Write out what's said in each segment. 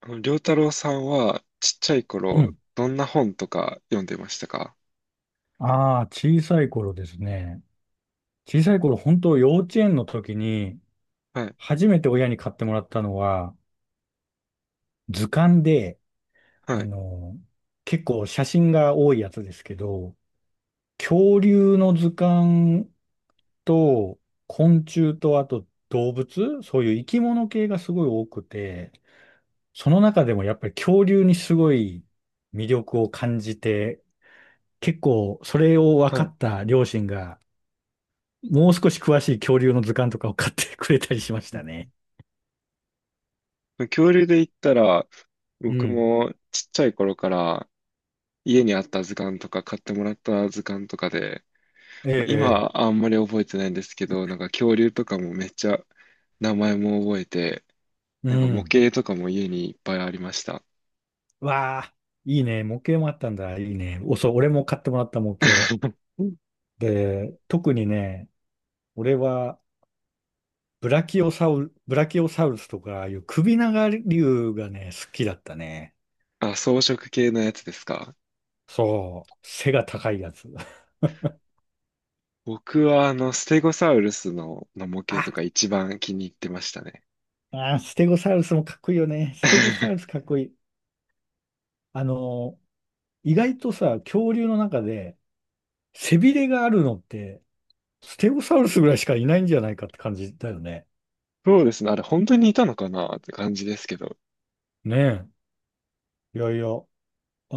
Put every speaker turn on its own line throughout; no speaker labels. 良太郎さんは、ちっちゃい
う
頃、
ん。
どんな本とか読んでましたか？
ああ、小さい頃ですね。小さい頃、本当幼稚園の時に、
はい、
初めて親に買ってもらったのは、図鑑で、
は
あ
い、
の、結構写真が多いやつですけど、恐竜の図鑑と、昆虫と、あと動物、そういう生き物系がすごい多くて、その中でもやっぱり恐竜にすごい魅力を感じて、結構それを分
は
か
い。
った両親が、もう少し詳しい恐竜の図鑑とかを買ってくれたりしまし
うん。
たね。
恐竜で言ったら、
う
僕
ん。
もちっちゃい頃から、家にあった図鑑とか、買ってもらった図鑑とかで、
え
まあ
え、え
今、
え、
あんまり覚えてないんですけど、なんか恐竜とかもめっちゃ、名前も覚えて、
う
なんか模
ん。
型とかも家にいっぱいありました。
わあ、いいね。模型もあったんだ。いいね。お、そう、俺も買ってもらった模型。
うん。
で、特にね、俺は、ブラキオサウルスとかいう首長竜がね、好きだったね。
あ、装飾系のやつですか？
そう。背が高いやつ。
僕は、ステゴサウルスの模型と
あ、
か一番気に入ってましたね。
あー、ステゴサウルスもかっこいいよね。ステゴサウルス かっこいい。あの意外とさ、恐竜の中で背びれがあるのってステゴサウルスぐらいしかいないんじゃないかって感じだよね。
そうですね。あれ、本当にいたのかなって感じですけど。
ねえ。いやいや、あ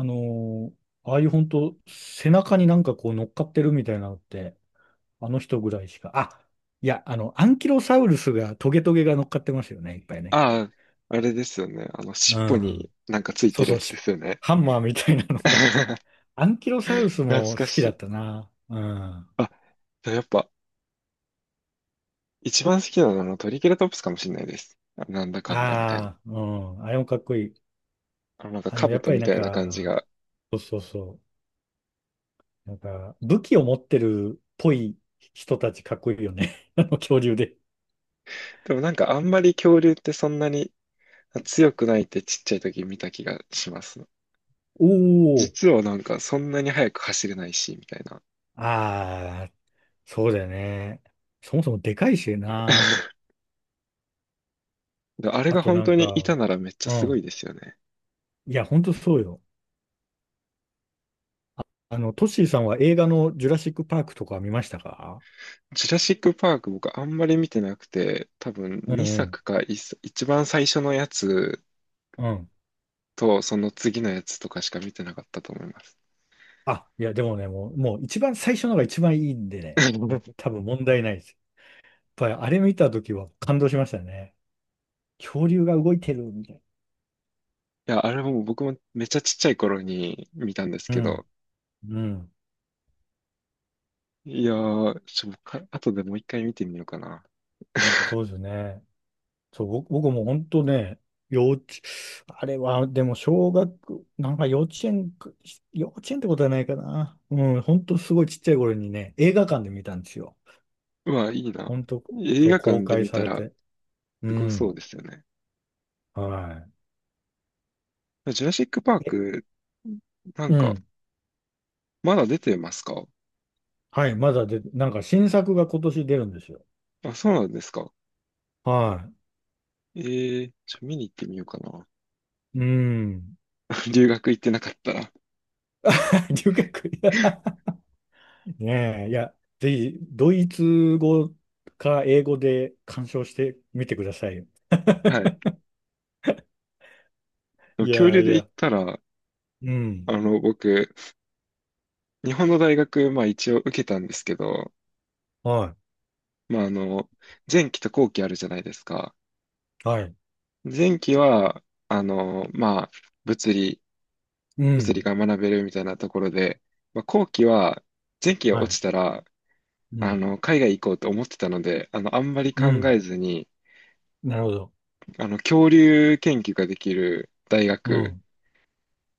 のーああいう本当背中になんかこう乗っかってるみたいなのって、あの人ぐらいしか。あ、いや、あの、アンキロサウルスがトゲトゲが乗っかってますよね、いっぱいね。
ああ、あれですよね。尻
う
尾に
ん。
なんかつい
そ
て
う
る
そ
や
う、
つで
し
すよね。
ハンマーみたいなのが。アンキロサウルス
懐
も
か
好き
し
だっ
い。
たな。うん。あ
あ、でもやっぱ、一番好きなのはあのトリケラトプスかもしれないです。なんだかんだみたいな。
あ、うん。あれもかっこいい。
なんか
あの、やっ
兜
ぱり
み
なん
たいな感じ
か、
が。
そうそうそう。なんか、武器を持ってるっぽい人たちかっこいいよね。あの恐竜で。
でもなんかあんまり恐竜ってそんなに強くないってちっちゃい時見た気がします。
おお、
実はなんかそんなに速く走れないし、みたいな。
ああ、そうだよね。そもそもでかいしな。
であれ
あ
が
と
本
な
当
ん
にい
か、
たならめっちゃ
う
すごい
ん。
ですよね。
いや、ほんとそうよ。あの、トッシーさんは映画のジュラシックパークとか見ましたか？
ジュラシック・パーク僕あんまり見てなくて、多分
うんう
2
ん。
作か1作一番最初のやつ
うん。
とその次のやつとかしか見てなかったと思います。
あ、いや、でもね、もう一番最初のが一番いいんでね、多分問題ないです。やっぱりあれ見たときは感動しましたね。恐竜が動いてるみたいな。
いや、あれも僕もめっちゃちっちゃい頃に見たんです
う
けど、
ん。うん。
いやー、ちょ、か後でもう一回見てみようかな。
そうですね。そう、僕も本当ね、幼稚、あれは、でも小学、なんか幼稚園か、幼稚園ってことはないかな。うん、本当すごいちっちゃい頃にね、映画館で見たんですよ。
うわ、いいな。
本当、
映
そう、
画
公
館で
開
見
さ
た
れ
ら
て。う
すごそう
ん、
ですよね。
は
ジュラシック・パー
い。え、
ク、なん
う
か、
ん、
まだ出てますか？
はい、まだで、なんか新作が今年出るんですよ。
あ、そうなんですか。
は
見に行ってみようかな。
い。うん。
留学行ってなかったら。
留学、いや、ねえ、いや、ぜひ、ドイツ語か英語で鑑賞してみてくださいよ。
はい。でも
い
恐
や
竜
い
で言っ
や、
たら、
うん。
僕、日本の大学、まあ一応受けたんですけど、
は
まあ、前期と後期あるじゃないですか。
い、はい、
前期は、まあ、物理、
う
物理
ん、
が学べるみたいなところで、まあ後期は、前期が
は
落
い、
ちたら、
うん、
海外行こうと思ってたので、あんまり考
うん、
えずに、
なるほど。
恐竜研究ができる大
う
学
ん、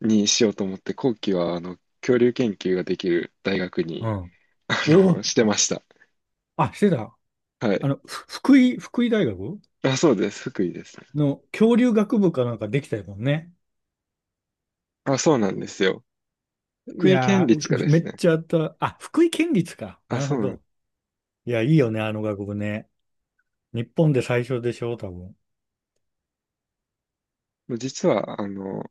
にしようと思って、後期は、恐竜研究ができる大学
う
に、
ん。
あ
おお、
してました。
あ、してた。
は
あ
い。
の、ふ福井、福井大学
あ、そうです。福井ですね。
の恐竜学部かなんかできたよね。
あ、そうなんですよ。
い
福井県
や
立かで
ー、め
す
っ
ね。
ちゃあった。あ、福井県立か。
あ、
なる
そう
ほ
なん。
ど。いや、いいよね、あの学部ね。日本で最初でしょ、多分。
もう実は、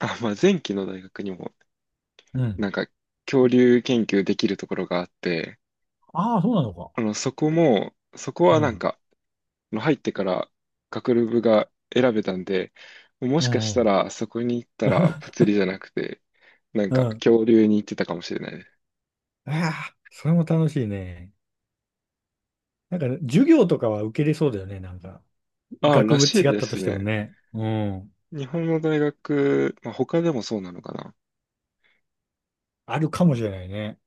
あ、まあ、前期の大学にも、
うん。
なんか、恐竜研究できるところがあって、
ああ、そうなのか。
そこは
う
なん
ん、
か、入ってから学部が選べたんで、も
う
しか
ん、う
した
ん。
ら、そこに行ったら、物理じゃなくて、なん
う
か、
ん。
恐竜に行ってたかもしれないです。
ああ、それも楽しいね。なんか、授業とかは受けれそうだよね、なんか。
あ、
学
ら
部
しい
違っ
で
たと
す
しても
ね。
ね。うん。
日本の大学、まあ、他でもそうなのかな。
あるかもしれないね。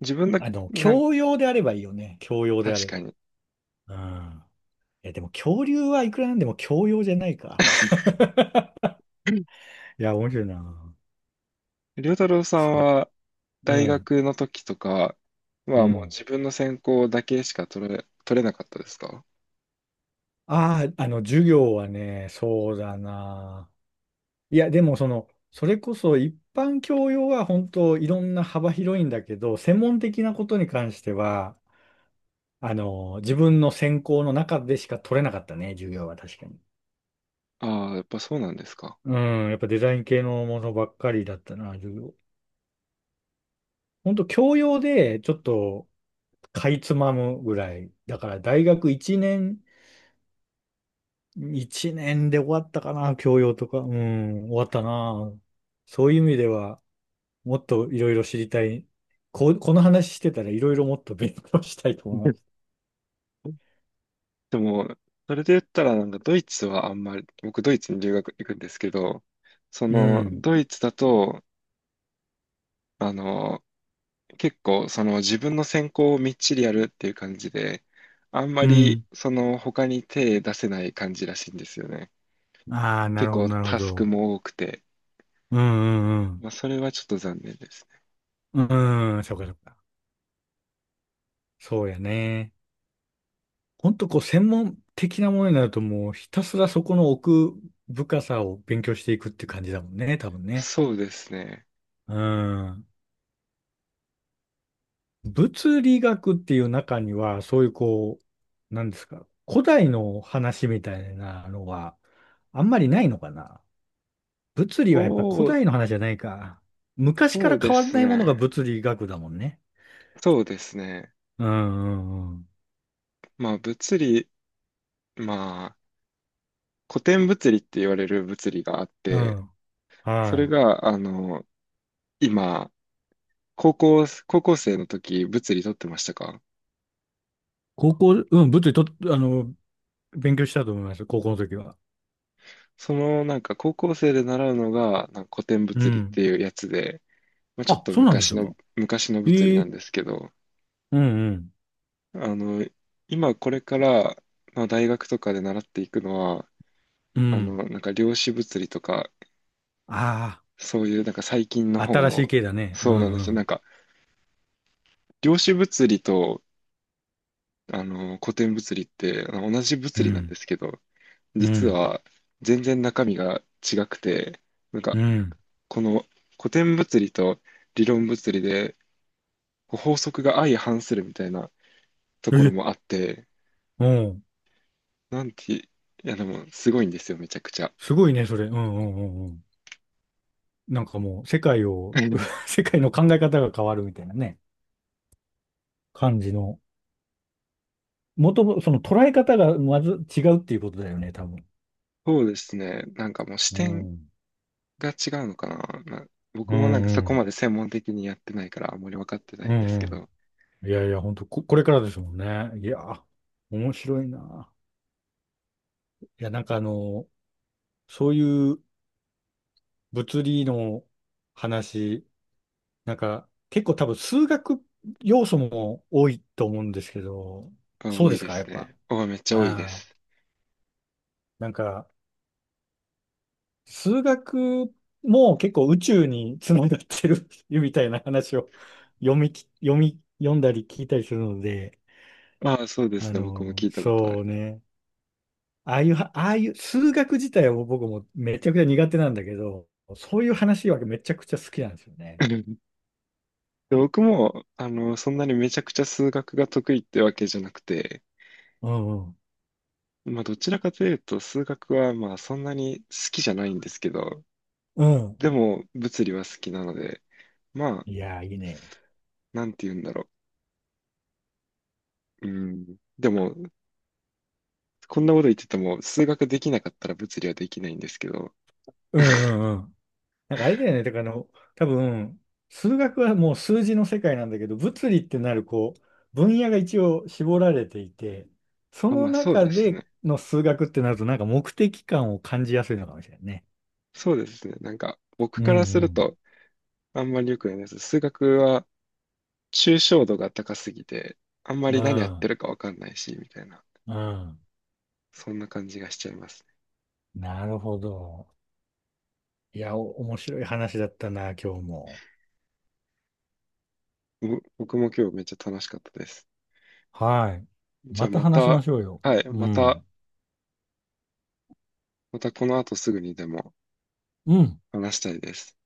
自分だ、
あの、
なん、
教養であればいいよね。教養であ
確
れ
か
ば。
に。
うん。いや、でも恐竜はいくらなんでも教養じゃないか。いや、面白いな。
りょうたろうさん
そう。
は
う
大
ん。
学の時とか、
う
まあもう
ん。
自分の専攻だけしか取れなかったですか？
ああ、あの、授業はね、そうだな。いや、でもその、それこそ一般教養は本当いろんな幅広いんだけど、専門的なことに関しては、あの、自分の専攻の中でしか取れなかったね、授業は確かに。
ああー、やっぱそうなんですか。
うん、やっぱデザイン系のものばっかりだったな、授業。ほんと教養でちょっとかいつまむぐらい。だから大学1年、1年で終わったかな、教養とか。うん、終わったな。そういう意味では、もっといろいろ知りたい。この話してたらいろいろもっと勉強したいと思います。
でも、それで言ったらなんかドイツはあんまり、僕ドイツに留学行くんですけど、そ
う
の
ん。
ドイツだと、あの、結構その自分の専攻をみっちりやるっていう感じで、あんま
う
り
ん。
その他に手出せない感じらしいんですよね。
ああ、な
結
るほど、
構
なるほ
タスク
ど。
も多くて、
うん、う
ま
ん、
あそれはちょっと残念です。
うん。うん、そうか、そうか。そうやね。ほんとこう専門的なものになるともうひたすらそこの奥深さを勉強していくって感じだもんね、多分ね。
そうですね。
うん。物理学っていう中には、そういうこう、なんですか、古代の話みたいなのはあんまりないのかな。物理はやっぱ古
そう、
代の話じゃないか。昔か
そ
ら
うで
変わら
す
ないものが
ね。
物理学だもんね。
そうですね。
うんうんうん。
まあ物理、まあ古典物理って言われる物理があっ
う
て、
ん。
そ
は
れ
い。
が、今、高校生の時物理取ってましたか？
高校、うん、物理と、あの、勉強したと思います、高校の時は。
そのなんか高校生で習うのがなんか古典
う
物理っ
ん。
ていうやつで、まあ、ちょっ
あ、
と
そうなんですか。
昔の物理
え
な
え、
んですけど、
うんうん。
あの、今これから、まあ、大学とかで習っていくのは、
うん。
なんか量子物理とか
あ
そういう、なんか最近の
あ、
方
新しい
の、
系だね。う
そうなん
ん
で
う
すよ。なん
ん。
か、量子物理と、古典物理って、同じ物
う
理なんで
ん。
すけど、
う
実
ん。
は全然中身が違くて、なん
う
か、
ん。
この古典物理と理論物理で、こう法則が相反するみたいなところ
え、
もあって、
うん。
なんて、いや、でも、すごいんですよ、めちゃくちゃ。
すごいね、それ。うんうんうんうん。なんかもう、世界を、世界の考え方が変わるみたいなね、感じの。もとも、その捉え方がまず違うっていうことだよね、多分。
そうですね。なんかもう視
う
点
ん。
が違うのかな。まあ
う
僕
ん
もなんか
う
そこ
ん。
まで専門的にやってないからあんまり分かってな
う
いんですけ
ん
ど、
うん。いやいや、本当これからですもんね。いや、面白いな。いや、なんかあの、そういう物理の話、なんか、結構多分数学要素も多いと思うんですけど、
あ、
そう
多
で
い
す
で
か、や
す
っぱ。
ね。あ、めっちゃ多いで
ああ、
す。
なんか、数学も結構宇宙につながってる みたいな話を 読みき、読み、読んだり聞いたりするので、
ああ、そうです
あ
ね。僕も
の、
聞いたことある。
そうね。ああいうは、ああいう数学自体はもう僕もめちゃくちゃ苦手なんだけど、そういう話はめちゃくちゃ好きなんですよね。
で僕も、そんなにめちゃくちゃ数学が得意ってわけじゃなくて、
うんうん。
まあ、どちらかというと、数学は、まあ、そんなに好きじゃないんですけど、
うん。
でも、物理は好きなので、まあ、
いやー、いいね。
なんて言うんだろう。うん。でも、こんなこと言ってても、数学できなかったら物理はできないんですけど、
うんうんうん。なんかあれだよね。だからあの、多分、数学はもう数字の世界なんだけど、物理ってなるこう、分野が一応絞られていて、そ
まあ、
の
まあ、そう
中
です
で
ね。
の数学ってなると、なんか目的感を感じやすいのかもしれないね。
そうですね。なんか、
う
僕
ん
か
う
らする
ん。
と、あんまり良くないです。数学は、抽象度が高すぎて、あんま
う
り何やって
ん
るかわかんないし、みたいな、
うん。
そんな感じがしちゃいます
なるほど。いや、お面白い話だったな、今日も。
ね。僕も今日めっちゃ楽しかったです。
はい。
じゃ
ま
あ
た
ま
話しま
た、
しょうよ。
はい、
う
また、
ん。
またこの後すぐにでも
うん。
話したいです。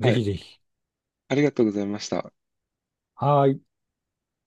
は
ぜひ
い、
ぜひ。
ありがとうございました。
はーい。